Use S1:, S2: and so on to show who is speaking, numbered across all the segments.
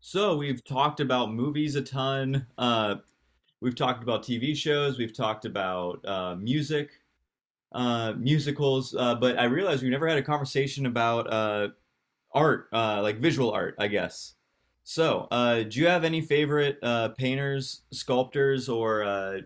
S1: So we've talked about movies a ton. We've talked about TV shows. We've talked about music, musicals. But I realized we never had a conversation about art, like visual art, I guess. So do you have any favorite painters, sculptors, or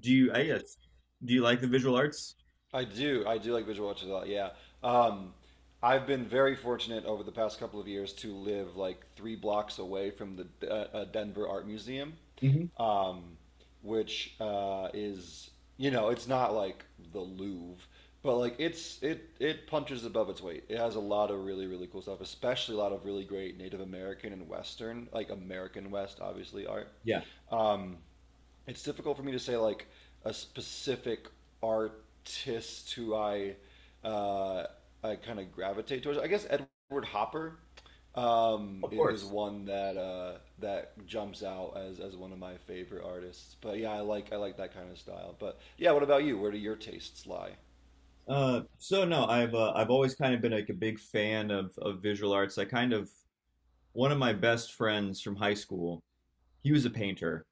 S1: do you? I guess do you like the visual arts?
S2: I do. I do like visual arts a lot. Yeah. Um, I've been very fortunate over the past couple of years to live like three blocks away from the Denver Art Museum,
S1: Hmm.
S2: um, which is it's not like the Louvre, but like it punches above its weight. It has a lot of really cool stuff, especially a lot of really great Native American and Western, like American West obviously, art.
S1: Yeah,
S2: Um, it's difficult for me to say like a specific artist who uh, I kind of gravitate towards. I guess Edward Hopper um,
S1: of
S2: is, is
S1: course.
S2: one that that jumps out as one of my favorite artists. But yeah, I like that kind of style. But yeah, what about you? Where do your tastes lie?
S1: So no, I've always kind of been like a big fan of visual arts. I kind of One of my best friends from high school, he was a painter,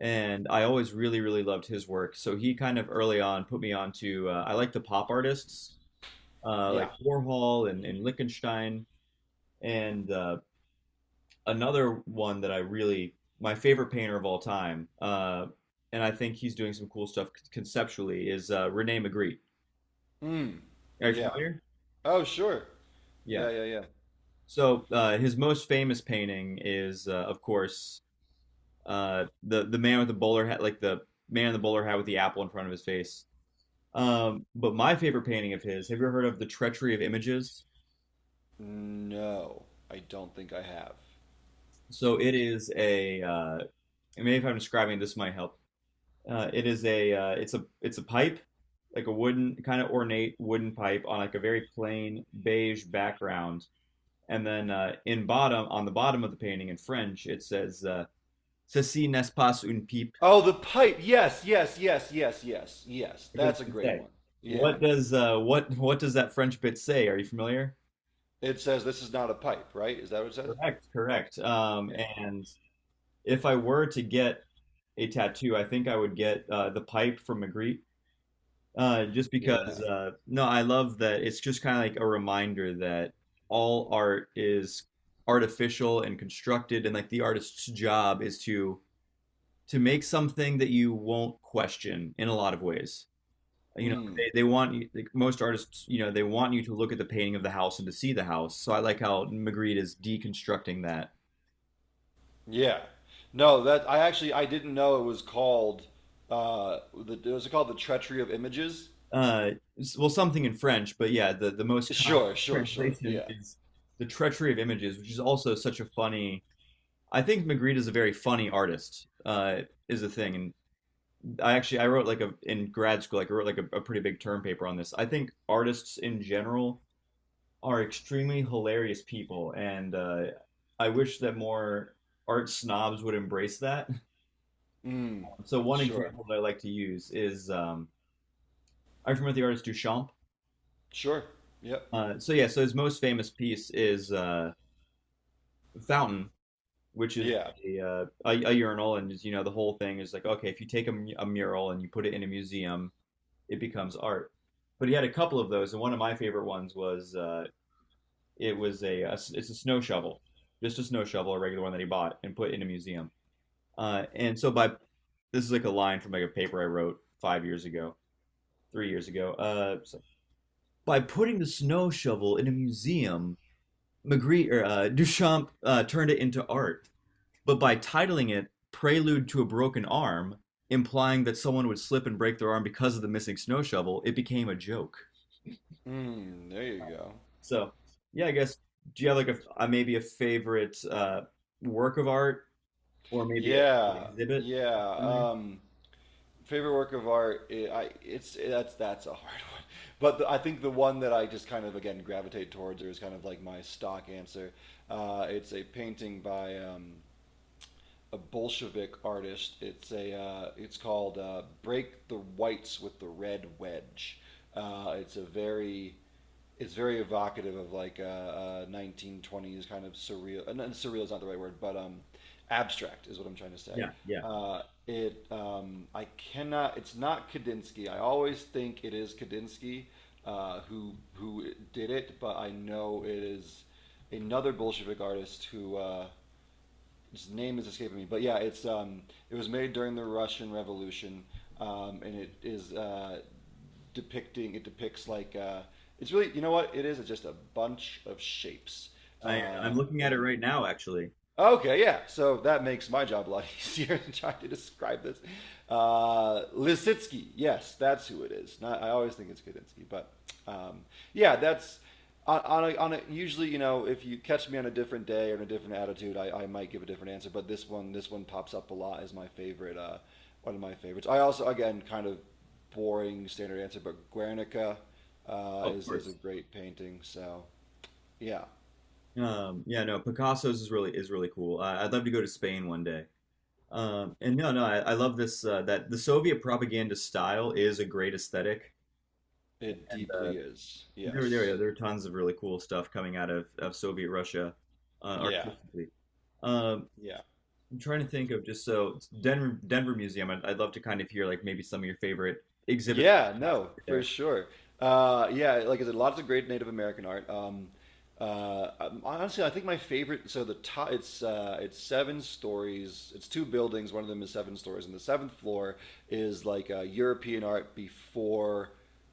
S1: and I always really, really loved his work. So he kind of early on put me onto I like the pop artists like
S2: Yeah.
S1: Warhol and Lichtenstein, and another one that I really my favorite painter of all time, and I think he's doing some cool stuff conceptually is Rene Magritte.
S2: Mm.
S1: Are you
S2: Yeah.
S1: familiar?
S2: Oh, sure.
S1: Yeah.
S2: Yeah, yeah, yeah.
S1: So his most famous painting is, of course, the man with the bowler hat, like the man in the bowler hat with the apple in front of his face. But my favorite painting of his, have you ever heard of the Treachery of Images?
S2: No, I don't think I have.
S1: So it is a, maybe if I'm describing this might help. It is a, it's a, it's a pipe, like a wooden kind of ornate wooden pipe on like a very plain beige background. And then on the bottom of the painting in French, it says, "Ceci n'est pas une pipe."
S2: Oh, the pipe. Yes, yes, yes, yes, yes, yes.
S1: What does
S2: That's a
S1: it
S2: great
S1: say?
S2: one. Yeah.
S1: What does that French bit say? Are you familiar?
S2: It says this is not a pipe, right? Is that what it says?
S1: Correct, correct. Um,
S2: Yeah.
S1: and if I were to get a tattoo, I think I would get the pipe from Magritte. Just
S2: Yeah.
S1: because no, I love that it's just kind of like a reminder that all art is artificial and constructed, and like the artist's job is to make something that you won't question in a lot of ways. You know,
S2: Mm.
S1: they want you, like most artists, you know, they want you to look at the painting of the house and to see the house. So I like how Magritte is deconstructing that.
S2: Yeah. No, that I didn't know it was called the was it called the Treachery of Images?
S1: Uh, well, something in French, but yeah, the most common
S2: Sure, sure, sure.
S1: translation
S2: Yeah.
S1: is the treachery of images, which is also such a funny. I think Magritte is a very funny artist, is the thing. And I wrote like a in grad school, like I wrote like a pretty big term paper on this. I think artists in general are extremely hilarious people, and I wish that more art snobs would embrace that.
S2: Mm.
S1: So one
S2: Sure.
S1: example that I like to use is I'm familiar with the artist Duchamp.
S2: Sure. Yep.
S1: So his most famous piece is Fountain, which is
S2: Yeah.
S1: a urinal, and you know the whole thing is like okay, if you take a mural and you put it in a museum, it becomes art. But he had a couple of those, and one of my favorite ones was it was a s- it's a snow shovel, just a snow shovel, a regular one that he bought and put in a museum. And so by This is like a line from like a paper I wrote 5 years ago, 3 years ago. By putting the snow shovel in a museum, Magritte or Duchamp turned it into art. But by titling it "Prelude to a Broken Arm," implying that someone would slip and break their arm because of the missing snow shovel, it became a joke.
S2: Mm, there you go.
S1: So yeah, I guess do you have like a maybe a favorite work of art or maybe a, an
S2: Yeah.
S1: exhibit
S2: Yeah.
S1: that's in there?
S2: Um Favorite work of art, I, it's it, that's a hard one, but I think the one that I just kind of again gravitate towards, or is kind of like my stock answer, it's a painting by a Bolshevik artist. It's a it's called "Break the Whites with the Red Wedge." It's a very, it's very evocative of like a 1920s kind of surreal. And surreal is not the right word, but abstract is what I'm trying to say.
S1: Yeah, yeah.
S2: Uh, it I cannot. It's not Kandinsky. I always think it is Kandinsky, who did it, but I know it is another Bolshevik artist who. His name is escaping me, but yeah, it was made during the Russian Revolution, and it is depicting it depicts like it's really, you know what it is. It's just a bunch of shapes,
S1: I'm looking at it
S2: and
S1: right now, actually.
S2: okay, yeah. So that makes my job a lot easier in trying to describe this. Lisitsky, yes, that's who it is. Not, I always think it's Kudinski, but um, yeah, that's usually, you know, if you catch me on a different day or in a different attitude, I might give a different answer. But this one pops up a lot as my favorite, one of my favorites. I also again kind of boring standard answer, but Guernica
S1: Of
S2: is a
S1: course.
S2: great painting. So yeah,
S1: Yeah, no, Picasso's is really cool. I'd love to go to Spain one day. And no, I love this that the Soviet propaganda style is a great aesthetic,
S2: it
S1: and
S2: deeply is.
S1: there there
S2: Yes.
S1: yeah, there are tons of really cool stuff coming out of Soviet Russia
S2: Yeah.
S1: artistically. Um,
S2: Yeah.
S1: I'm trying to think of just so Denver Museum. I'd love to kind of hear like maybe some of your favorite exhibits
S2: Yeah,
S1: you have
S2: no, for
S1: there.
S2: sure. Yeah, like I said, lots of great Native American art. Honestly, I think my favorite. So the top, it's seven stories. It's two buildings. One of them is seven stories, and the seventh floor is like European art before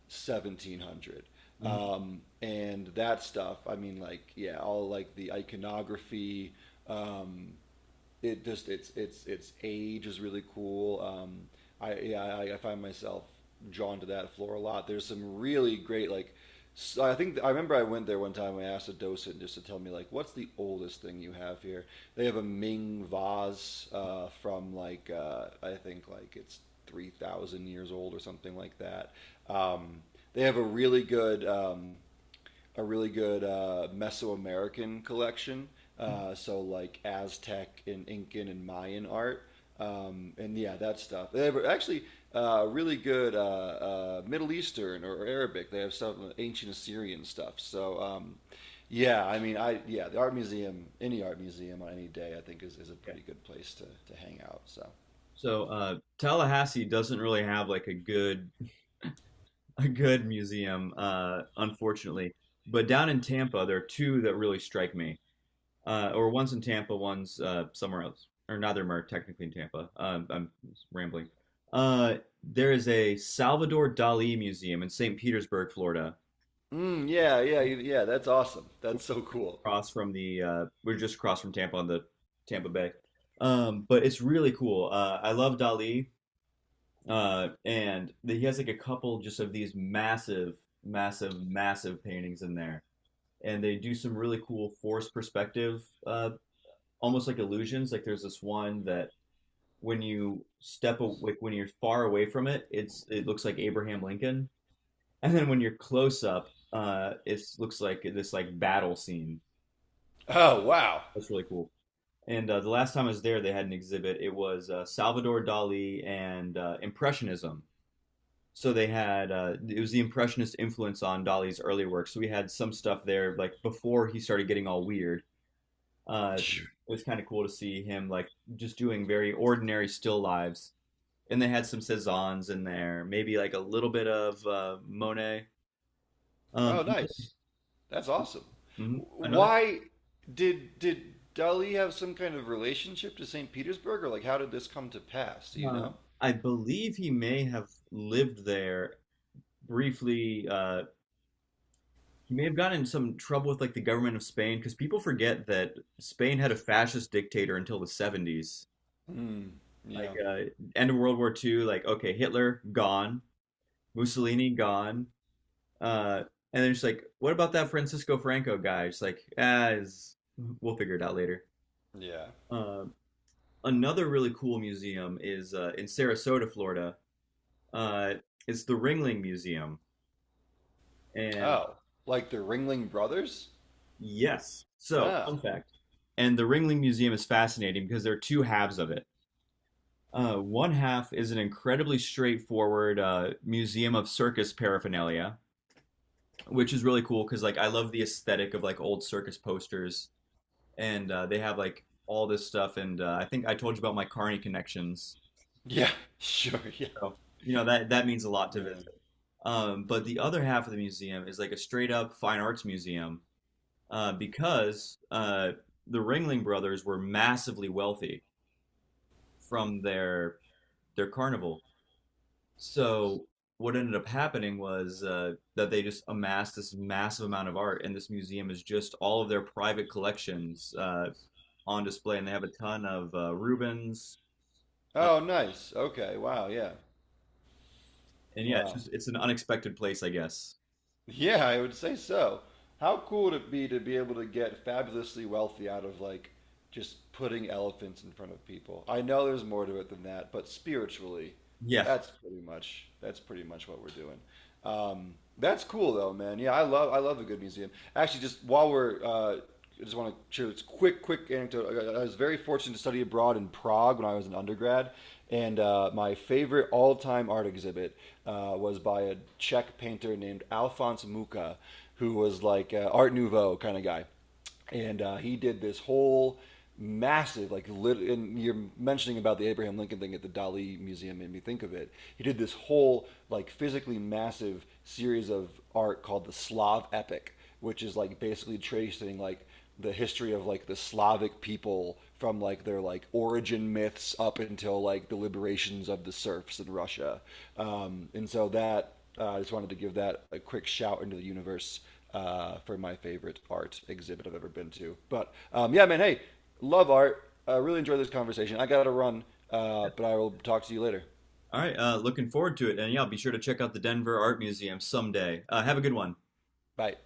S2: 1700.
S1: Mhm.
S2: And that stuff. I mean, like yeah, all like the iconography. Um, it just it's age is really cool. I yeah, I find myself drawn to that floor a lot. There's some really great like. So I think I remember I went there one time. I asked a docent just to tell me like, what's the oldest thing you have here? They have a Ming vase from like I think like it's 3,000 years old or something like that. Um, they have a really good Mesoamerican collection. So like Aztec and Incan and Mayan art, and yeah, that stuff. They have actually really good Middle Eastern or Arabic. They have some ancient Assyrian stuff. So yeah, I mean, I yeah, the art museum, any art museum on any day, I think is a
S1: Yeah.
S2: pretty good place to hang out. So
S1: So Tallahassee doesn't really have like a good museum, unfortunately. But down in Tampa, there are two that really strike me. Or one's in Tampa, one's somewhere else. Or neither of them are technically in Tampa. I'm rambling. Uh, there is a Salvador Dali Museum in St. Petersburg, Florida,
S2: mm, yeah, yeah, yeah, that's awesome. That's so cool.
S1: across from the we're just across from Tampa on the Tampa Bay. But it's really cool. I love Dali, he has like a couple just of these massive, massive, massive paintings in there and they do some really cool force perspective, almost like illusions. Like there's this one that when you step a- like when you're far away from it, it looks like Abraham Lincoln, and then when you're close up, it looks like this like battle scene.
S2: Oh wow.
S1: That's really cool. And the last time I was there, they had an exhibit. It was Salvador Dali and Impressionism. So they had it was the Impressionist influence on Dali's early work. So we had some stuff there like before he started getting all weird uh, it was kind of cool to see him like just doing very ordinary still lives. And they had some Cezannes in there, maybe like a little bit of Monet. Um,
S2: Oh, nice. That's awesome.
S1: another, mhm, another
S2: Why did Dali have some kind of relationship to St. Petersburg, or like how did this come to pass? Do you
S1: uh,
S2: know?
S1: I believe he may have lived there briefly. He may have gotten in some trouble with like the government of Spain because people forget that Spain had a fascist dictator until the 70s.
S2: Hmm.
S1: Like
S2: Yeah.
S1: uh, End of World War II, like okay, Hitler gone, Mussolini gone, Uh, and they're just like, what about that Francisco Franco guy? She's like, ah, is we'll figure it out later.
S2: Yeah.
S1: Uh, Another really cool museum is in Sarasota, Florida. Uh, it's the Ringling Museum. And
S2: Oh, like the Ringling Brothers?
S1: yes, so
S2: Ah.
S1: fun fact. And the Ringling Museum is fascinating because there are two halves of it. One half is an incredibly straightforward museum of circus paraphernalia, which is really cool because like I love the aesthetic of like old circus posters and they have like all this stuff. And I think I told you about my Carney connections.
S2: Yeah. Sure. Yeah.
S1: So, you know, that means a lot to visit.
S2: Yeah.
S1: But the other half of the museum is like a straight up fine arts museum because the Ringling Brothers were massively wealthy from their carnival. So what ended up happening was that they just amassed this massive amount of art, and this museum is just all of their private collections on display, and they have a ton of Rubens, uh,
S2: Oh, nice. Okay. Wow. Yeah.
S1: and yeah, it's
S2: Wow.
S1: just it's an unexpected place, I guess.
S2: Yeah, I would say so. How cool would it be to be able to get fabulously wealthy out of like just putting elephants in front of people? I know there's more to it than that, but spiritually,
S1: Yeah.
S2: that's pretty much what we're doing. That's cool though, man. Yeah, I love a good museum. Actually, just while we're I just want to share this quick, quick anecdote. I was very fortunate to study abroad in Prague when I was an undergrad, and my favorite all-time art exhibit was by a Czech painter named Alphonse Mucha, who was like Art Nouveau kind of guy, and he did this whole massive and you're mentioning about the Abraham Lincoln thing at the Dali museum made me think of it, he did this whole like physically massive series of art called the Slav Epic, which is like basically tracing like the history of like the Slavic people from like their like origin myths up until like the liberations of the serfs in Russia. And so that, I just wanted to give that a quick shout into the universe for my favorite art exhibit I've ever been to. But yeah, man, hey, love art. I really enjoyed this conversation. I gotta run, but I will talk to you later.
S1: All right. Looking forward to it, and yeah, be sure to check out the Denver Art Museum someday. Have a good one.
S2: Bye.